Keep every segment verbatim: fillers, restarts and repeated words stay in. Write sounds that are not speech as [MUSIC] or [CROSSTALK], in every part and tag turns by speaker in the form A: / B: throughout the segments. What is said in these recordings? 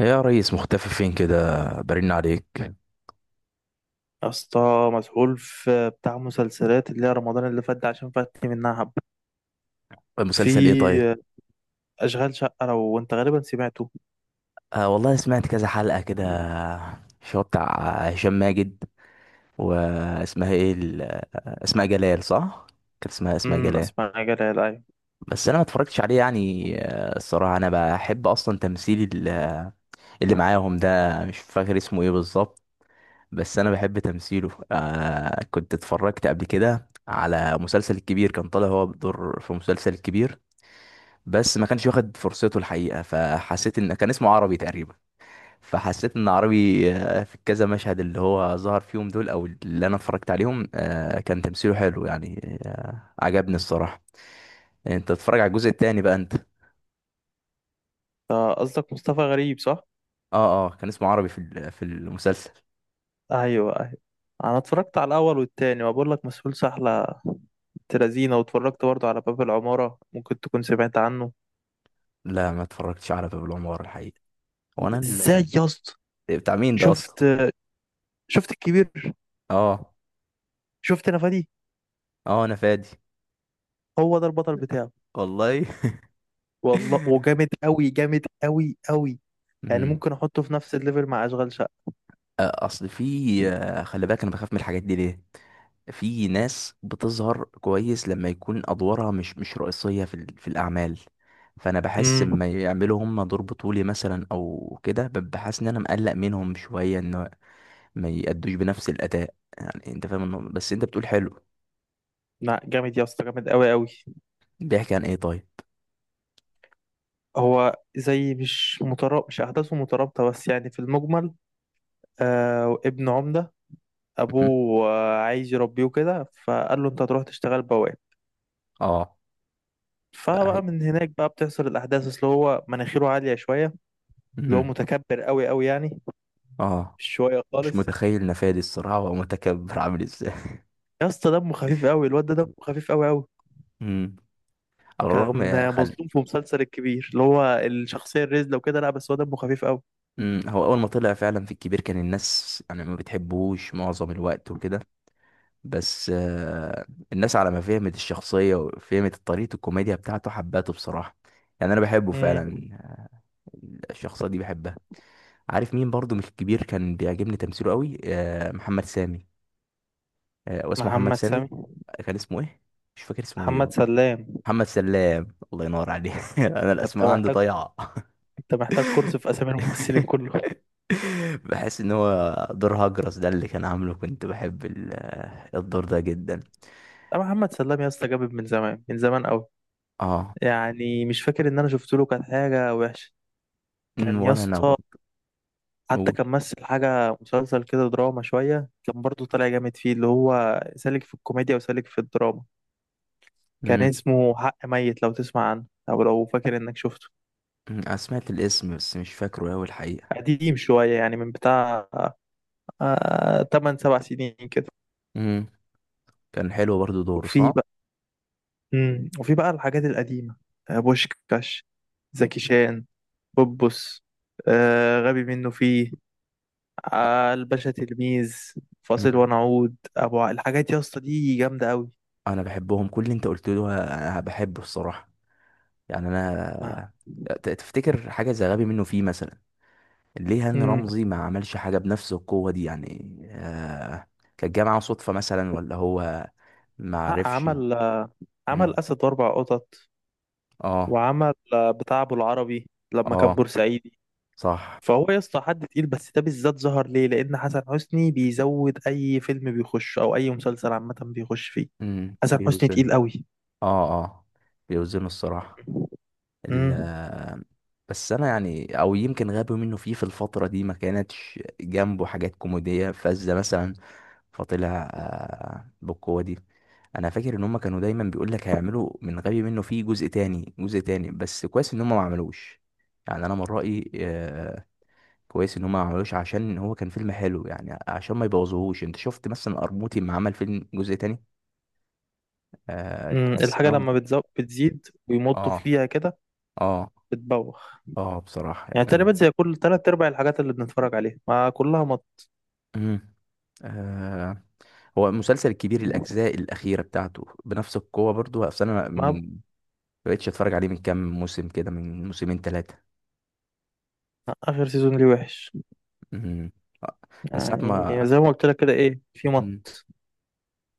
A: إيه يا ريس، مختفي فين كده؟ برن عليك.
B: يا اسطى مسحول في بتاع مسلسلات اللي هي رمضان اللي فات ده عشان فاتني منها حبة.
A: المسلسل ايه طيب؟
B: في أشغال شقة لو أنت غالبا سمعته.
A: آه والله سمعت كذا حلقة كده. شو بتاع هشام ماجد. واسمها ايه ال- اسماء جلال، صح؟ كانت اسمها اسماء
B: امم
A: جلال.
B: أسمع جلال، أيوة.
A: بس انا ما اتفرجتش عليه يعني، آه، الصراحة انا بحب اصلا تمثيل ال- اللي معاهم ده. مش فاكر اسمه ايه بالظبط، بس انا بحب تمثيله. آه كنت اتفرجت قبل كده على مسلسل الكبير، كان طالع هو بدور في مسلسل الكبير، بس ما كانش واخد فرصته الحقيقه. فحسيت ان كان اسمه عربي تقريبا، فحسيت ان عربي. آه، في كذا مشهد اللي هو ظهر فيهم دول او اللي انا اتفرجت عليهم، آه، كان تمثيله حلو يعني، آه، عجبني الصراحه. يعني انت تتفرج على الجزء التاني بقى انت؟
B: ده قصدك مصطفى غريب صح؟
A: اه اه، كان اسمه عربي في ال- في المسلسل.
B: أيوة أيوة. أنا اتفرجت على الأول والتاني وبقول لك مسحول سحلة تلازينة، واتفرجت برضه على باب العمارة، ممكن تكون سمعت عنه.
A: لا ما اتفرجتش على باب العمارة الحقيقه. هو انا
B: ازاي
A: ال-
B: يا اسطى؟
A: بتاع مين ده اصلا؟
B: شفت شفت الكبير.
A: اه
B: شفت نفادي؟
A: اه انا فادي.
B: هو ده البطل بتاعه.
A: والله.
B: والله وجامد
A: [LAUGHS]
B: قوي، جامد قوي قوي يعني
A: مم.
B: ممكن احطه في نفس الليفل مع اشغال شقه.
A: آه، اصل في، آه، خلي بالك انا بخاف من الحاجات دي ليه. في ناس بتظهر كويس لما يكون ادوارها مش مش رئيسيه في ال- في الاعمال. فانا بحس
B: امم
A: لما يعملوا هم دور بطولي مثلا او كده ب- بحس ان انا مقلق منهم شويه ان ما يأدوش بنفس الاداء. يعني انت فاهم النقطة. بس انت بتقول حلو.
B: لا جامد يا اسطى، جامد قوي قوي
A: بيحكي عن ايه طيب؟
B: هو زي مش مترابط، مش احداثه مترابطه، بس يعني في المجمل. آه ابن عمده،
A: مم.
B: ابوه آه عايز يربيه كده، فقال له انت هتروح تشتغل بواب.
A: اه. بقى هي.
B: فبقى من هناك بقى بتحصل الاحداث، اللي هو مناخيره عاليه شويه، اللي هو
A: مم.
B: متكبر قوي قوي يعني،
A: اه.
B: شويه
A: مش
B: خالص.
A: متخيل نفادي الصراحه ومتكبر عامل ازاي.
B: يا اسطى دمه خفيف قوي، الواد ده دمه خفيف قوي قوي
A: مم. على
B: كان
A: الرغم خل...
B: مظلوم في مسلسل الكبير اللي هو الشخصيه الرزله وكده، لا بس هو دمه خفيف قوي.
A: امم هو اول ما طلع فعلا في الكبير كان الناس يعني ما بتحبوش معظم الوقت وكده. بس آه، الناس على ما فهمت الشخصيه وفهمت طريقه الكوميديا بتاعته حبته بصراحه. يعني انا بحبه
B: امم
A: فعلا، الشخصيه دي بحبها. عارف مين برضو مش الكبير كان بيعجبني تمثيله قوي؟ آه، محمد سامي. آه، واسمه محمد
B: محمد سامي،
A: سامي، كان اسمه ايه؟ مش فاكر اسمه ايه
B: محمد
A: والله.
B: سلام.
A: محمد سلام، الله ينور عليه. [LAUGHS] انا
B: انت
A: الاسماء عندي
B: محتاج
A: ضايعه.
B: انت محتاج كورس في اسامي الممثلين كلهم.
A: [LAUGHS] بحس ان هو دور هجرس ده اللي كان عامله كنت بحب ال- آه، الدور ده جدا.
B: لا محمد سلام يا اسطى، جامد من زمان، من زمان قوي.
A: اه.
B: يعني مش فاكر ان انا شفت له كانت حاجه وحشه.
A: أمم،
B: كان يا
A: ولا انا
B: اسطى،
A: برضه.
B: حتى
A: قول.
B: كان مثل حاجه مسلسل كده دراما شويه، كان برضه طالع جامد فيه، اللي هو سالك في الكوميديا وسالك في الدراما. كان
A: امم.
B: اسمه حق ميت، لو تسمع عنه او لو فاكر انك شفته.
A: أمم، انا سمعت الاسم بس مش فاكره اوي الحقيقه.
B: قديم شوية، يعني من بتاع آه تمن سبع سنين كده.
A: امم كان حلو برضه دوره،
B: وفي
A: صح.
B: بقى مم. وفي بقى الحاجات القديمة، آه بوشكاش، زكي شان، بوبوس، آه غبي منه فيه، آه الباشا تلميذ، فاصل
A: امم.
B: ونعود، ابو ع- الحاجات يا اسطى دي جامدة قوي.
A: انا بحبهم، كل اللي انت قلته ده انا بحبه الصراحه. يعني
B: ما
A: انا آه، ت- تفتكر حاجه زي غبي منه فيه مثلا، ليه هاني
B: مم.
A: رمزي ما عملش حاجه بنفس القوه دي يعني؟ آه كانت جايه معاه صدفه مثلا ولا هو ما
B: لا،
A: عرفش؟
B: عمل آه، عمل اسد واربع قطط،
A: اه
B: وعمل آه، بتاع ابو العربي لما كان
A: اه
B: بورسعيدي.
A: صح.
B: فهو يا اسطى حد تقيل، بس ده بالذات ظهر ليه لان حسن حسني بيزود اي فيلم بيخش او اي مسلسل عامه بيخش فيه.
A: امم
B: حسن حسني
A: بيوزنوا.
B: تقيل قوي.
A: اه اه بيوزنوا الصراحة. ال
B: امم
A: بس انا يعني، او يمكن غابوا منه فيه في الفترة دي ما كانتش جنبه حاجات كوميدية فذة مثلا، فطلع آه، بالقوة دي. انا فاكر ان هم كانوا دايما بيقول لك هيعملوا من غبي منه فيه جزء تاني، جزء تاني، بس كويس ان هم ما عملوش. يعني انا من رأيي، آه، كويس ان هم ما عملوش عشان هو كان فيلم حلو يعني، عشان ما يبوظوهوش. انت شفت مثلا قرموطي ما عمل فيلم جزء تاني، آه
B: امم
A: تحس ان
B: الحاجه
A: هو ما
B: لما
A: كانش.
B: بتزو... بتزيد ويمطوا
A: اه
B: فيها كده،
A: اه
B: بتبوخ.
A: اه. بصراحة
B: يعني
A: يعني انا،
B: تقريبا زي كل تلات ارباع الحاجات اللي بنتفرج عليها ما كلها مط.
A: مم. آه، هو المسلسل الكبير الاجزاء الاخيرة بتاعته بنفس القوة برضو، بس انا
B: ما
A: من ما بقتش اتفرج عليه من كام موسم كده، من موسمين ثلاثة،
B: اخر سيزون ليه وحش،
A: من ساعة
B: يعني
A: ما.
B: زي ما قلت لك كده، ايه في
A: مم.
B: مط.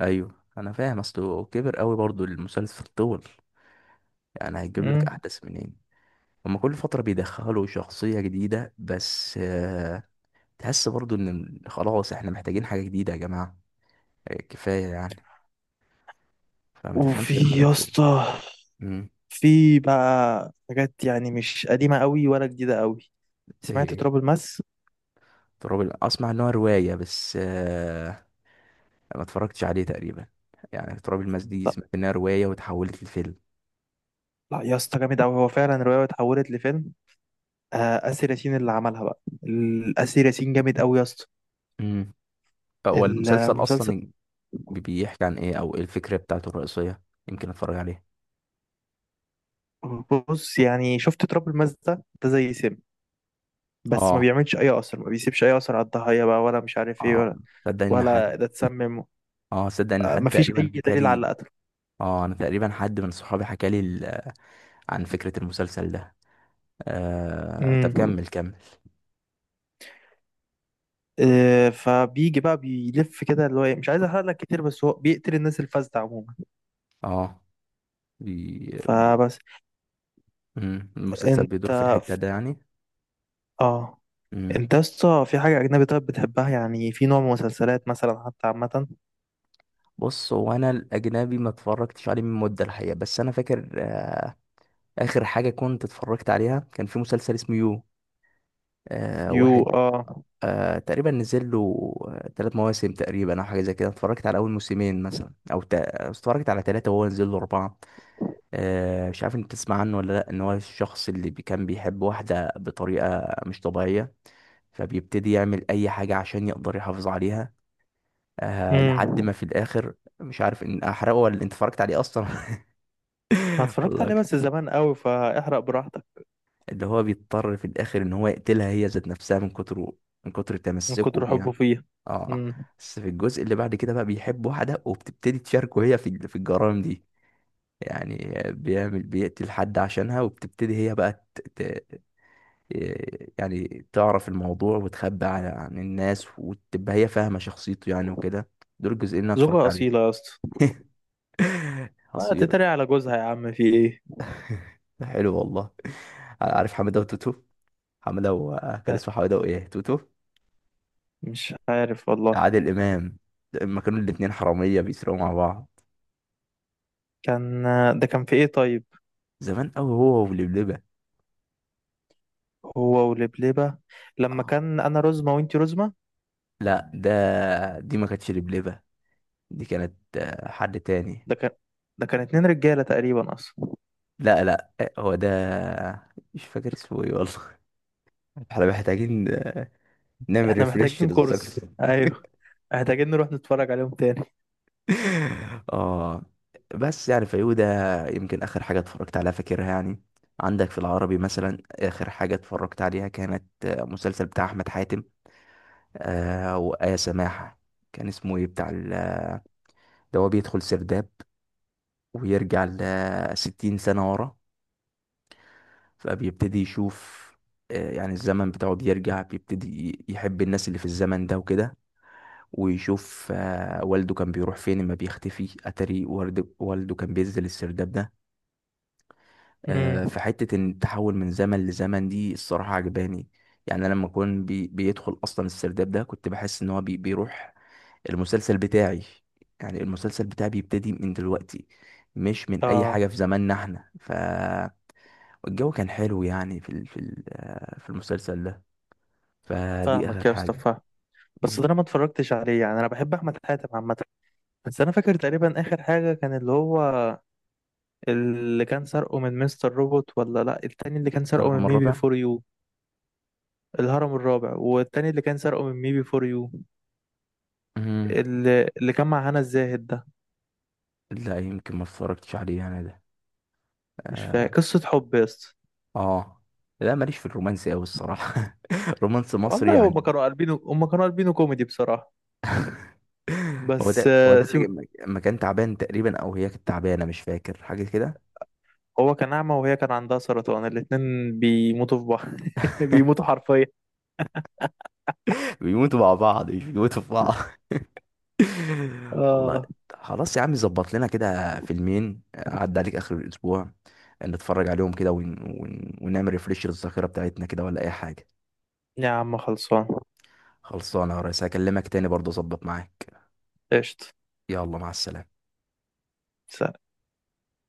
A: ايوه انا فاهم، اصله كبر قوي برضو المسلسل، طول، يعني هيجيب لك
B: امم
A: احداث منين؟ هما كل فترة بيدخلوا شخصية جديدة، بس آه، تحس برضو إن خلاص إحنا محتاجين حاجة جديدة يا جماعة. آه، كفاية يعني. فما
B: وفي
A: تفهمش الخلل
B: يا
A: فين.
B: اسطى،
A: مم.
B: في بقى حاجات يعني مش قديمه قوي ولا جديده قوي.
A: زي
B: سمعت
A: إيه؟
B: تراب الماس؟
A: تراب ال- أسمع إن هو رواية، بس آه، ما اتفرجتش عليه تقريبا. يعني تراب الماس دي
B: لا
A: سمعت إنها رواية وتحولت لفيلم.
B: لا يا اسطى جامد قوي، هو فعلا الروايه اتحولت لفيلم. آه آسر ياسين اللي عملها بقى ال- آسر ياسين جامد قوي يا اسطى.
A: مم. هو المسلسل أصلا،
B: المسلسل،
A: بي- بيحكي عن إيه؟ أو إيه الفكرة بتاعته الرئيسية؟ يمكن أتفرج عليه.
B: بص يعني شفت تراب الماس ده، ده زي سم، بس ما
A: آه.
B: بيعملش اي اثر، ما بيسيبش اي اثر على الضحيه بقى، ولا مش عارف ايه،
A: آه.
B: ولا
A: صدق إن
B: ولا
A: حد.
B: ده اتسمم،
A: آه صدق إن
B: آه
A: حد
B: ما فيش
A: تقريبا
B: اي دليل على
A: حكالي.
B: قتله.
A: اه انا تقريبا حد من صحابي حكى لي ال- عن فكرة المسلسل ده. آه... طب
B: امم
A: كمل كمل.
B: آه فبيجي بقى بيلف كده اللي هو إيه، مش عايز احرق لك كتير، بس هو بيقتل الناس الفاسده عموما.
A: اه. بي... بي...
B: فبس.
A: مم. المسلسل
B: انت
A: بيدور في الحتة ده يعني.
B: اه
A: مم.
B: انت اصلا في حاجة أجنبي طيب بتحبها، يعني في نوع من مسلسلات مثلا حتى عامة؟
A: بص هو انا الاجنبي ما اتفرجتش عليه من مدة الحقيقة، بس انا فاكر آه... اخر حاجة كنت اتفرجت عليها كان في مسلسل اسمه يو. آه...
B: يو،
A: واحد.
B: اه.
A: آه... تقريبا نزل له ثلاث مواسم تقريبا او حاجة زي كده. اتفرجت على اول موسمين مثلا، او ت... اتفرجت على ثلاثة وهو نزل له اربعة. آه، مش عارف انت تسمع عنه ولا لا. ان هو الشخص اللي بي- كان بيحب واحدة بطريقة مش طبيعية، فبيبتدي يعمل اي حاجة عشان يقدر يحافظ عليها. آه لحد
B: امم
A: ما في الاخر، مش عارف ان احرقه ولا انت اتفرجت عليه اصلا.
B: أنا
A: [LAUGHS]
B: اتفرجت
A: والله
B: عليه
A: أكتر.
B: بس زمان قوي، فاحرق براحتك.
A: اللي هو بيضطر في الاخر ان هو يقتلها هي ذات نفسها، من كتر من كتر
B: من
A: تمسكه
B: كتر
A: بيها.
B: حبه فيه.
A: اه.
B: امم
A: بس في الجزء اللي بعد كده بقى بيحب واحدة، وبتبتدي تشاركه هي في ال- في الجرائم دي يعني. بيعمل، بيقتل حد عشانها، وبتبتدي هي بقى إيه، يعني تعرف الموضوع وتخبي عن عن الناس، وتبقى هي فاهمة شخصيته يعني وكده. دول الجزئين اللي انا
B: زوجة
A: اتفرجت عليهم.
B: أصيلة يا اسطى،
A: [LAUGHS]
B: آه،
A: حصيلة.
B: تتريق على جوزها يا عم في ايه.
A: [LAUGHS] حلو والله. عارف حمادة وتوتو؟ حمادة و- كان
B: آه،
A: اسمه حمادة وايه توتو؟
B: مش عارف والله.
A: عادل امام، لما كانوا الاتنين حرامية بيسرقوا مع بعض.
B: كان، ده كان في ايه طيب،
A: زمان قوي، هو ولبلبة.
B: هو ولبلبة، لما
A: آه.
B: كان أنا رزمة وانتي رزمة.
A: لا ده، دي ما كانتش لبلبة، دي كانت آه، حد تاني.
B: ده كان ده كان اتنين رجالة تقريبا أصلا.
A: لا لا، هو ده. مش فاكر اسمه ايه والله. [LAUGHS] احنا محتاجين نعمل
B: احنا
A: ريفريش
B: محتاجين
A: للذاكرة.
B: كورس،
A: [LAUGHS]
B: أيوه، محتاجين نروح نتفرج عليهم تاني.
A: اه. بس يعني فيودا، يمكن اخر حاجة اتفرجت عليها فاكرها يعني. عندك في العربي مثلا اخر حاجة اتفرجت عليها كانت آه، مسلسل بتاع احمد حاتم آه وآية سماحة. كان اسمه ايه بتاع ال- اللي هو بيدخل سرداب ويرجع لستين سنة ورا، فبيبتدي يشوف آه، يعني الزمن بتاعه بيرجع، بيبتدي يحب الناس اللي في الزمن ده وكده. ويشوف آه، والده كان بيروح فين لما بيختفي، اتاري ورد- والده كان بينزل السرداب ده.
B: امم
A: آه، فحتة ان التحول من زمن لزمن دي الصراحة عجباني. يعني انا لما كان بي بيدخل اصلا السرداب ده كنت بحس ان هو بي بيروح المسلسل بتاعي، يعني المسلسل بتاعي بيبتدي من دلوقتي، مش من اي
B: اه،
A: حاجة في زماننا احنا. ف. والجو كان حلو يعني في ال- في ال- آه، في المسلسل ده. فدي
B: فاهمك
A: اخر
B: يا اسطى،
A: حاجة.
B: فاهم. بس
A: مم.
B: ده انا ما اتفرجتش عليه، يعني انا بحب احمد حاتم عامه. بس انا فاكر تقريبا اخر حاجه كان اللي هو، اللي كان سرقه من مستر روبوت، ولا لا، التاني اللي كان سرقه من
A: الكهرباء
B: ميبي
A: الرابع.
B: فور يو، الهرم الرابع، والتاني اللي كان سرقه من ميبي فور يو،
A: مم.
B: اللي, اللي كان مع هنا الزاهد ده.
A: لا يمكن ما اتفرجتش عليه انا ده.
B: مش
A: اه.
B: فاكر قصه حب يا اسطى.
A: آه. لا ماليش في الرومانسي قوي الصراحه. [LAUGHS] رومانس مصري
B: والله هما
A: يعني.
B: كانوا قلبينه هما كانوا قلبينه كوميدي بصراحه.
A: هو
B: بس
A: ده هو
B: آه،
A: ده اللي
B: سيب.
A: لما لما كان تعبان تقريبا، او هي كانت تعبانه، مش فاكر حاجه كده.
B: هو كان اعمى وهي كان عندها سرطان، الاتنين بيموتوا في بعض، [LAUGHS] بيموتوا
A: [LAUGHS]
B: حرفيا.
A: بيموتوا مع بعض، مش بيموتوا في بعض. [LAUGHS] والله.
B: اه
A: خلاص يا عم، ظبط لنا كده فيلمين عدى عليك اخر الاسبوع، نتفرج عليهم كده ون... ون... ونعمل ريفريش للذاكره بتاعتنا كده ولا اي حاجه.
B: يا عم خلصان.
A: خلصانه يا ريس، هكلمك تاني برضه اظبط معاك.
B: قشطة.
A: يلا مع السلامه.
B: سلام.